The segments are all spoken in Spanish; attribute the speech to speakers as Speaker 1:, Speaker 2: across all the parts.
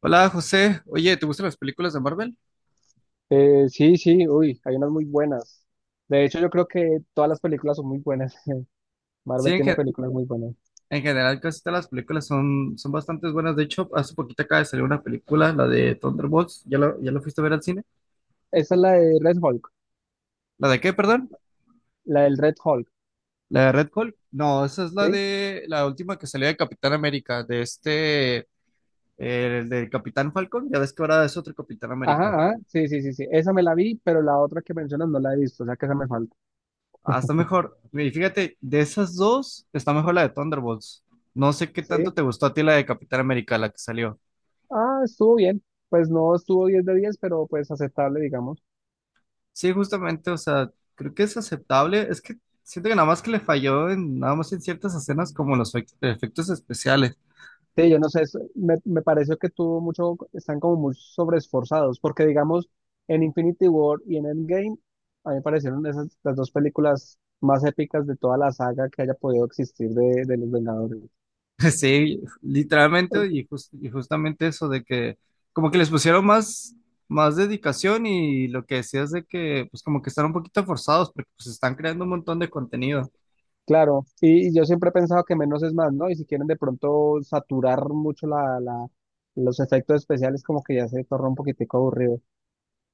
Speaker 1: Hola José, oye, ¿te gustan las películas de Marvel?
Speaker 2: Sí, sí, uy, hay unas muy buenas. De hecho, yo creo que todas las películas son muy buenas.
Speaker 1: Sí,
Speaker 2: Marvel tiene películas muy buenas.
Speaker 1: en general casi todas las películas son bastante buenas. De hecho, hace poquito acaba de salir una película, la de Thunderbolts, ¿ya ya la fuiste a ver al cine?
Speaker 2: Esa es la de Red Hulk,
Speaker 1: ¿La de qué, perdón?
Speaker 2: la del Red Hulk,
Speaker 1: ¿La de Red Hulk? No, esa es la
Speaker 2: ¿sí?
Speaker 1: de la última que salió de Capitán América, de este, el del Capitán Falcon, ya ves que ahora es otro Capitán
Speaker 2: Ajá,
Speaker 1: América.
Speaker 2: ajá, sí, sí, sí, sí. Esa me la vi, pero la otra que mencionas no la he visto, o sea que esa me falta.
Speaker 1: Ah, está mejor. Y fíjate, de esas dos, está mejor la de Thunderbolts. No sé qué tanto
Speaker 2: Sí.
Speaker 1: te gustó a ti la de Capitán América, la que salió.
Speaker 2: Ah, estuvo bien. Pues no estuvo 10 de 10 pero pues aceptable, digamos.
Speaker 1: Sí, justamente, o sea, creo que es aceptable. Es que siento que nada más que le falló nada más en ciertas escenas como los efectos especiales.
Speaker 2: Sí, yo no sé, me, me pareció que tuvo mucho, están como muy sobreesforzados, porque digamos, en Infinity War y en Endgame, a mí me parecieron esas las dos películas más épicas de toda la saga que haya podido existir de los Vengadores.
Speaker 1: Sí, literalmente, y justamente eso de que como que les pusieron más, más dedicación y lo que decías de que pues como que están un poquito forzados porque pues están creando un montón de contenido.
Speaker 2: Claro, y yo siempre he pensado que menos es más, ¿no? Y si quieren de pronto saturar mucho los efectos especiales, como que ya se torna un poquitico aburrido.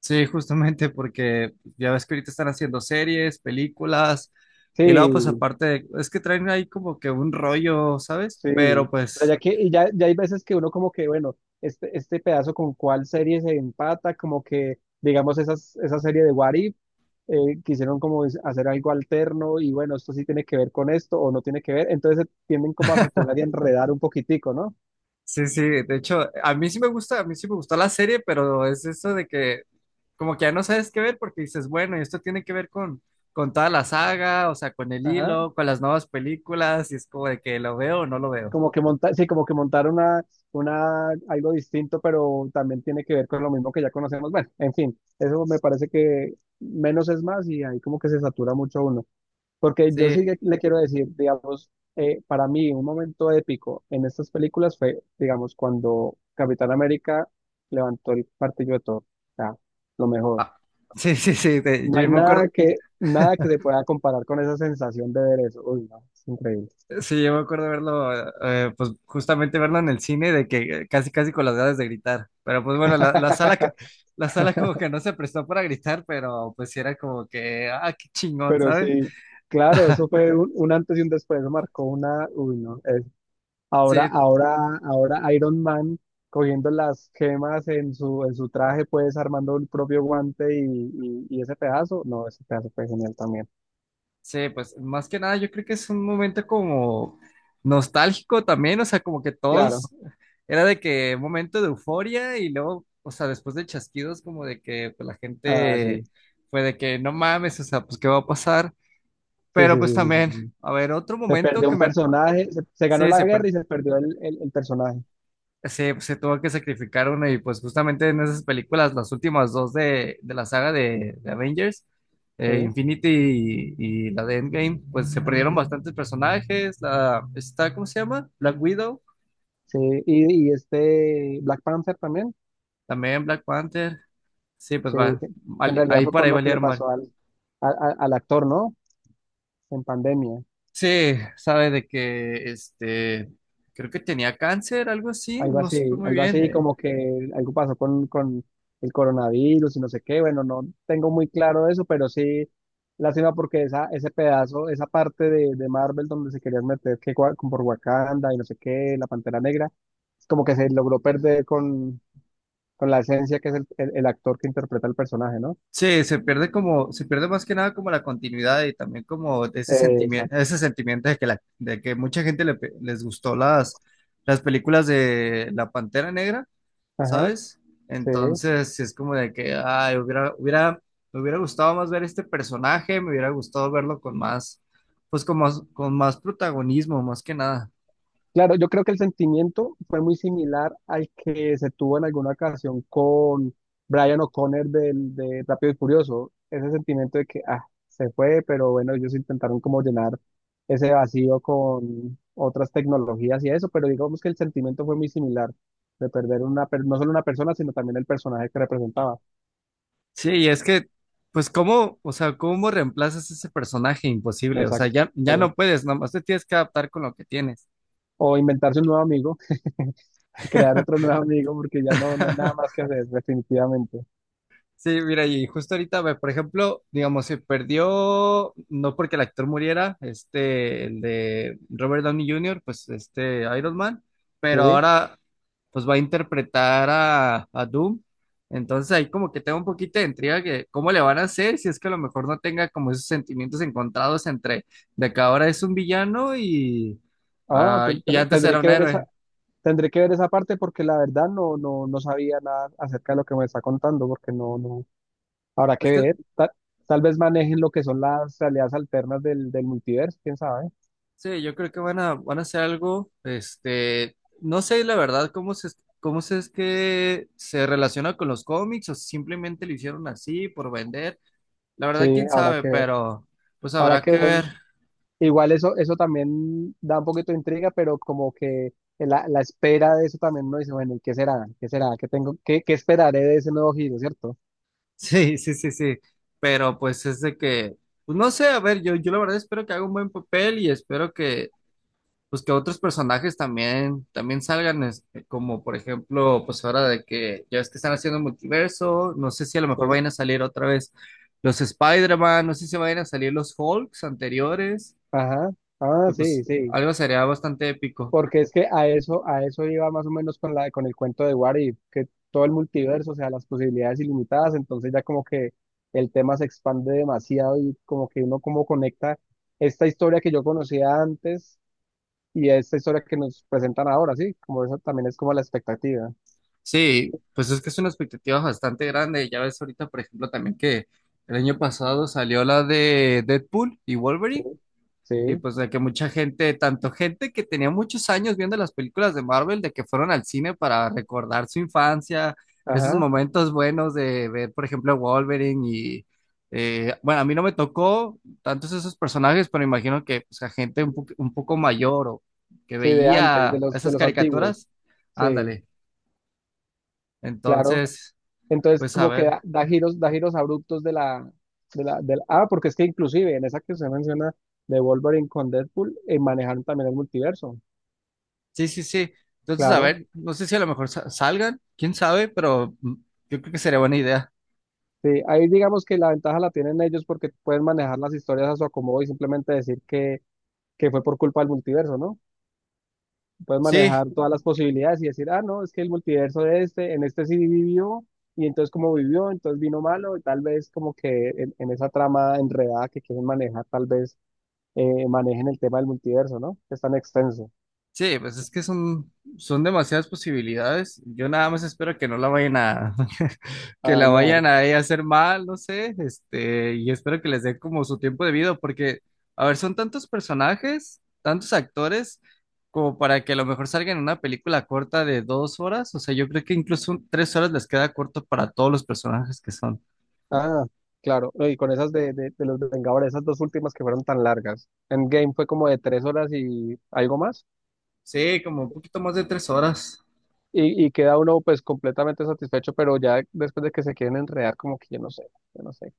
Speaker 1: Sí, justamente porque ya ves que ahorita están haciendo series, películas. Y luego, pues
Speaker 2: Sí,
Speaker 1: aparte, es que traen ahí como que un rollo, ¿sabes?
Speaker 2: Sí,
Speaker 1: Pero
Speaker 2: o sea,
Speaker 1: pues
Speaker 2: ya que, y ya, ya hay veces que uno como que, bueno, este pedazo con cuál serie se empata, como que, digamos, esas, esa serie de What If, quisieron como hacer algo alterno y bueno, esto sí tiene que ver con esto o no tiene que ver, entonces se tienden como a saturar y a enredar un poquitico, ¿no?
Speaker 1: sí, sí, de hecho, a mí sí me gusta, a mí sí me gustó la serie, pero es eso de que como que ya no sabes qué ver porque dices, bueno, y esto tiene que ver con toda la saga, o sea, con el
Speaker 2: Ajá,
Speaker 1: hilo, con las nuevas películas, y es como de que lo veo o no lo veo.
Speaker 2: como que montar, sí, como que montar algo distinto, pero también tiene que ver con lo mismo que ya conocemos. Bueno, en fin, eso me parece que menos es más y ahí como que se satura mucho uno. Porque yo sí
Speaker 1: Sí,
Speaker 2: que le quiero decir, digamos, para mí un momento épico en estas películas fue, digamos, cuando Capitán América levantó el martillo de Thor. O sea, lo mejor.
Speaker 1: ah, sí, sí, sí, de-
Speaker 2: No
Speaker 1: yo
Speaker 2: hay
Speaker 1: me
Speaker 2: nada
Speaker 1: acuerdo,
Speaker 2: que, nada que se pueda comparar con esa sensación de ver eso. Uy, no, es increíble.
Speaker 1: sí, yo me acuerdo verlo, pues justamente verlo en el cine de que casi, casi con las ganas de gritar, pero pues bueno, la sala, la sala como que no se prestó para gritar, pero pues sí era como que, ah, qué chingón,
Speaker 2: Pero
Speaker 1: ¿sabes?
Speaker 2: sí, claro, eso fue un antes y un después, eso marcó una, uy, no. Ahora,
Speaker 1: Sí,
Speaker 2: ahora, ahora Iron Man cogiendo las gemas en su traje, pues armando el propio guante y ese pedazo. No, ese pedazo fue genial también.
Speaker 1: sí, pues más que nada yo creo que es un momento como nostálgico también, o sea, como que
Speaker 2: Claro.
Speaker 1: todos, era de que un momento de euforia y luego, o sea, después de chasquidos como de que pues, la
Speaker 2: Ah, sí.
Speaker 1: gente fue de que no mames, o sea, pues qué va a pasar,
Speaker 2: Sí,
Speaker 1: pero
Speaker 2: sí,
Speaker 1: pues
Speaker 2: sí, sí, sí,
Speaker 1: también,
Speaker 2: sí.
Speaker 1: a ver, otro
Speaker 2: Se
Speaker 1: momento
Speaker 2: perdió
Speaker 1: que
Speaker 2: un
Speaker 1: me,
Speaker 2: personaje, se ganó
Speaker 1: sí, sí,
Speaker 2: la guerra y se perdió el personaje.
Speaker 1: se tuvo que sacrificar uno y pues justamente en esas películas, las últimas dos de la saga de Avengers,
Speaker 2: Sí,
Speaker 1: Infinity y la de Endgame, pues se
Speaker 2: en
Speaker 1: perdieron
Speaker 2: eso.
Speaker 1: bastantes personajes, la, está, ¿cómo se llama? Black Widow,
Speaker 2: Sí, y este Black Panther también,
Speaker 1: también Black Panther, sí, pues
Speaker 2: sí,
Speaker 1: va,
Speaker 2: que en
Speaker 1: vali-
Speaker 2: realidad
Speaker 1: ahí
Speaker 2: fue
Speaker 1: por
Speaker 2: por
Speaker 1: ahí
Speaker 2: lo que le
Speaker 1: valieron, vale.
Speaker 2: pasó al actor, ¿no? En pandemia.
Speaker 1: Sí, sabe de que, este, creo que tenía cáncer, algo así, no supe muy
Speaker 2: Algo
Speaker 1: bien,
Speaker 2: así como que algo pasó con el coronavirus y no sé qué. Bueno, no tengo muy claro eso, pero sí, lástima porque esa, ese pedazo, esa parte de Marvel donde se querían meter que con por Wakanda y no sé qué, la Pantera Negra, como que se logró perder con la esencia que es el actor que interpreta el personaje, ¿no?
Speaker 1: sí, se pierde como, se pierde más que nada como la continuidad y también como de
Speaker 2: Exacto.
Speaker 1: ese sentimiento de que la, de que mucha gente le pe- les gustó las películas de La Pantera Negra,
Speaker 2: Ajá,
Speaker 1: ¿sabes?
Speaker 2: sí.
Speaker 1: Entonces, sí es como de que, ay, hubiera, hubiera, me hubiera gustado más ver este personaje, me hubiera gustado verlo con más, pues con más protagonismo, más que nada.
Speaker 2: Claro, yo creo que el sentimiento fue muy similar al que se tuvo en alguna ocasión con Brian O'Connor del, de Rápido y Furioso. Ese sentimiento de que, ah, se fue, pero bueno, ellos intentaron como llenar ese vacío con otras tecnologías y eso, pero digamos que el sentimiento fue muy similar de perder una, no solo una persona, sino también el personaje que representaba.
Speaker 1: Sí, y es que, pues, ¿cómo, o sea, cómo reemplazas ese personaje imposible? O sea,
Speaker 2: Exacto,
Speaker 1: ya, ya no
Speaker 2: exacto.
Speaker 1: puedes, nomás te tienes que adaptar con lo que tienes.
Speaker 2: O inventarse un nuevo amigo, crear otro nuevo amigo, porque ya no, no hay nada más que hacer, definitivamente.
Speaker 1: Sí, mira, y justo ahorita, ve, por ejemplo, digamos, se perdió, no porque el actor muriera, este, el de Robert Downey Jr., pues este Iron Man,
Speaker 2: Sí.
Speaker 1: pero ahora pues va a interpretar a Doom. Entonces ahí como que tengo un poquito de intriga que cómo le van a hacer si es que a lo mejor no tenga como esos sentimientos encontrados entre de que ahora es un villano y,
Speaker 2: Ah,
Speaker 1: ah, y
Speaker 2: tendré,
Speaker 1: antes
Speaker 2: tendré
Speaker 1: era un
Speaker 2: que ver esa,
Speaker 1: héroe.
Speaker 2: tendré que ver esa parte porque la verdad no, no, no sabía nada acerca de lo que me está contando, porque no, no, habrá que
Speaker 1: Es que
Speaker 2: ver. Tal vez manejen lo que son las realidades alternas del multiverso, quién sabe.
Speaker 1: sí, yo creo que van a hacer algo, este, no sé la verdad cómo se es que se relaciona con los cómics o si simplemente lo hicieron así por vender. La
Speaker 2: Sí,
Speaker 1: verdad, quién
Speaker 2: habrá
Speaker 1: sabe,
Speaker 2: que ver.
Speaker 1: pero pues
Speaker 2: Habrá
Speaker 1: habrá
Speaker 2: que
Speaker 1: que
Speaker 2: ver.
Speaker 1: ver.
Speaker 2: Igual eso, eso también da un poquito de intriga, pero como que la espera de eso también uno dice, bueno, ¿y qué será? ¿Qué será? ¿Qué tengo? ¿Qué, qué esperaré de ese nuevo giro, cierto?
Speaker 1: Sí, sí, sí, sí. Pero pues es de que, pues no sé, a ver, yo la verdad espero que haga un buen papel y espero que, pues que otros personajes también, también salgan, es- como por ejemplo, pues ahora de que ya es que están haciendo multiverso, no sé si a lo mejor
Speaker 2: Sí.
Speaker 1: vayan a salir otra vez los Spider-Man, no sé si vayan a salir los Hulks anteriores,
Speaker 2: Ajá. Ah,
Speaker 1: que
Speaker 2: sí,
Speaker 1: pues
Speaker 2: sí.
Speaker 1: algo sería bastante épico.
Speaker 2: Porque es que a eso iba más o menos con la, con el cuento de What If, que todo el multiverso, o sea, las posibilidades ilimitadas, entonces ya como que el tema se expande demasiado y como que uno como conecta esta historia que yo conocía antes y esta historia que nos presentan ahora, sí, como eso también es como la expectativa,
Speaker 1: Sí, pues es que es una expectativa bastante grande, ya ves ahorita, por ejemplo, también que el año pasado salió la de Deadpool y Wolverine.
Speaker 2: sí,
Speaker 1: Y
Speaker 2: sí,
Speaker 1: pues de que mucha gente, tanto gente que tenía muchos años viendo las películas de Marvel, de que fueron al cine para recordar su infancia, esos
Speaker 2: ajá,
Speaker 1: momentos buenos de ver, por ejemplo, Wolverine y, bueno, a mí no me tocó tantos esos personajes, pero imagino que pues, a gente un, po- un poco mayor o que
Speaker 2: sí, de antes,
Speaker 1: veía
Speaker 2: de
Speaker 1: esas
Speaker 2: los antiguos,
Speaker 1: caricaturas,
Speaker 2: sí,
Speaker 1: ándale.
Speaker 2: claro.
Speaker 1: Entonces,
Speaker 2: Entonces,
Speaker 1: pues a
Speaker 2: como que
Speaker 1: ver,
Speaker 2: da, da giros abruptos Ah, porque es que inclusive en esa que usted menciona de Wolverine con Deadpool, manejaron también el multiverso,
Speaker 1: sí, sí, sí. Entonces, a
Speaker 2: claro.
Speaker 1: ver, no sé si a lo mejor sa- salgan, quién sabe, pero mm, yo creo que sería buena idea.
Speaker 2: Sí, ahí digamos que la ventaja la tienen ellos porque pueden manejar las historias a su acomodo y simplemente decir que fue por culpa del multiverso, ¿no? Pueden
Speaker 1: Sí,
Speaker 2: manejar todas las posibilidades y decir, ah, no, es que el multiverso de este, en este sí vivió, y entonces como vivió, entonces vino malo, y tal vez como que en esa trama enredada que quieren manejar, tal vez manejen el tema del multiverso, ¿no? Que es tan extenso.
Speaker 1: sí, pues es que son, son demasiadas posibilidades. Yo nada más espero que no la vayan a,
Speaker 2: A
Speaker 1: que la
Speaker 2: dañar.
Speaker 1: vayan a ella hacer mal, no sé, este, y espero que les dé como su tiempo debido, porque, a ver, son tantos personajes, tantos actores, como para que a lo mejor salgan en una película corta de 2 horas. O sea, yo creo que incluso un- 3 horas les queda corto para todos los personajes que son.
Speaker 2: Ah, claro. No, y con esas de los Vengadores, esas dos últimas que fueron tan largas. Endgame fue como de 3 horas y algo más.
Speaker 1: Sí, como un poquito más de 3 horas.
Speaker 2: Y queda uno pues completamente satisfecho, pero ya después de que se quieren enredar, como que yo no sé, yo no sé.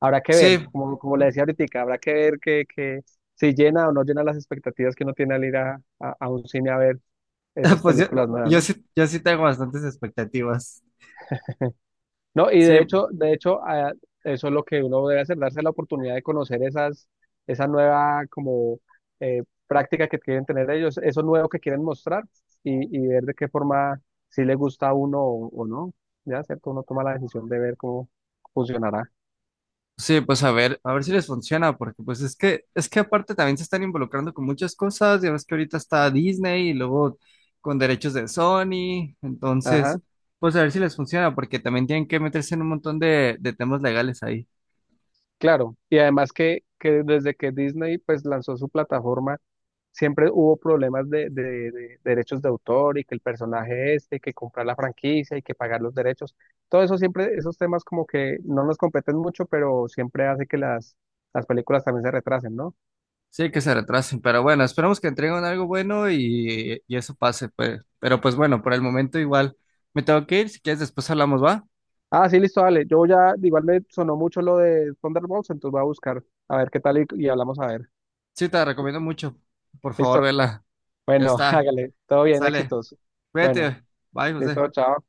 Speaker 2: Habrá que ver,
Speaker 1: Sí,
Speaker 2: como, como le decía ahorita, habrá que ver que si llena o no llena las expectativas que uno tiene al ir a un cine a ver esas
Speaker 1: pues yo,
Speaker 2: películas nuevas, ¿no?
Speaker 1: yo sí tengo bastantes expectativas.
Speaker 2: No, y
Speaker 1: Sí,
Speaker 2: de hecho, eso es lo que uno debe hacer, darse la oportunidad de conocer esas, esa nueva como práctica que quieren tener ellos, eso nuevo que quieren mostrar y ver de qué forma si le gusta a uno o no. Ya, ¿cierto? Uno toma la decisión de ver cómo funcionará.
Speaker 1: sí, pues a ver si les funciona, porque pues es que aparte también se están involucrando con muchas cosas, ya ves que ahorita está Disney y luego con derechos de Sony,
Speaker 2: Ajá,
Speaker 1: entonces, pues a ver si les funciona, porque también tienen que meterse en un montón de temas legales ahí.
Speaker 2: claro. Y además que desde que Disney pues lanzó su plataforma, siempre hubo problemas de, de derechos de autor y que el personaje este, que comprar la franquicia y que pagar los derechos. Todo eso siempre, esos temas como que no nos competen mucho, pero siempre hace que las películas también se retrasen, ¿no?
Speaker 1: Sí, que se retrasen, pero bueno, esperemos que entreguen algo bueno y eso pase, pues. Pero pues bueno, por el momento igual me tengo que ir, si quieres después hablamos, ¿va?
Speaker 2: Ah, sí, listo, dale. Yo ya, igual me sonó mucho lo de Thunderbolts, entonces voy a buscar a ver qué tal y hablamos a ver.
Speaker 1: Sí, te la recomiendo mucho, por favor,
Speaker 2: Listo.
Speaker 1: vela. Ya
Speaker 2: Bueno,
Speaker 1: está,
Speaker 2: hágale. Todo bien,
Speaker 1: sale,
Speaker 2: éxitos. Bueno,
Speaker 1: cuídate, bye, José.
Speaker 2: listo, chao.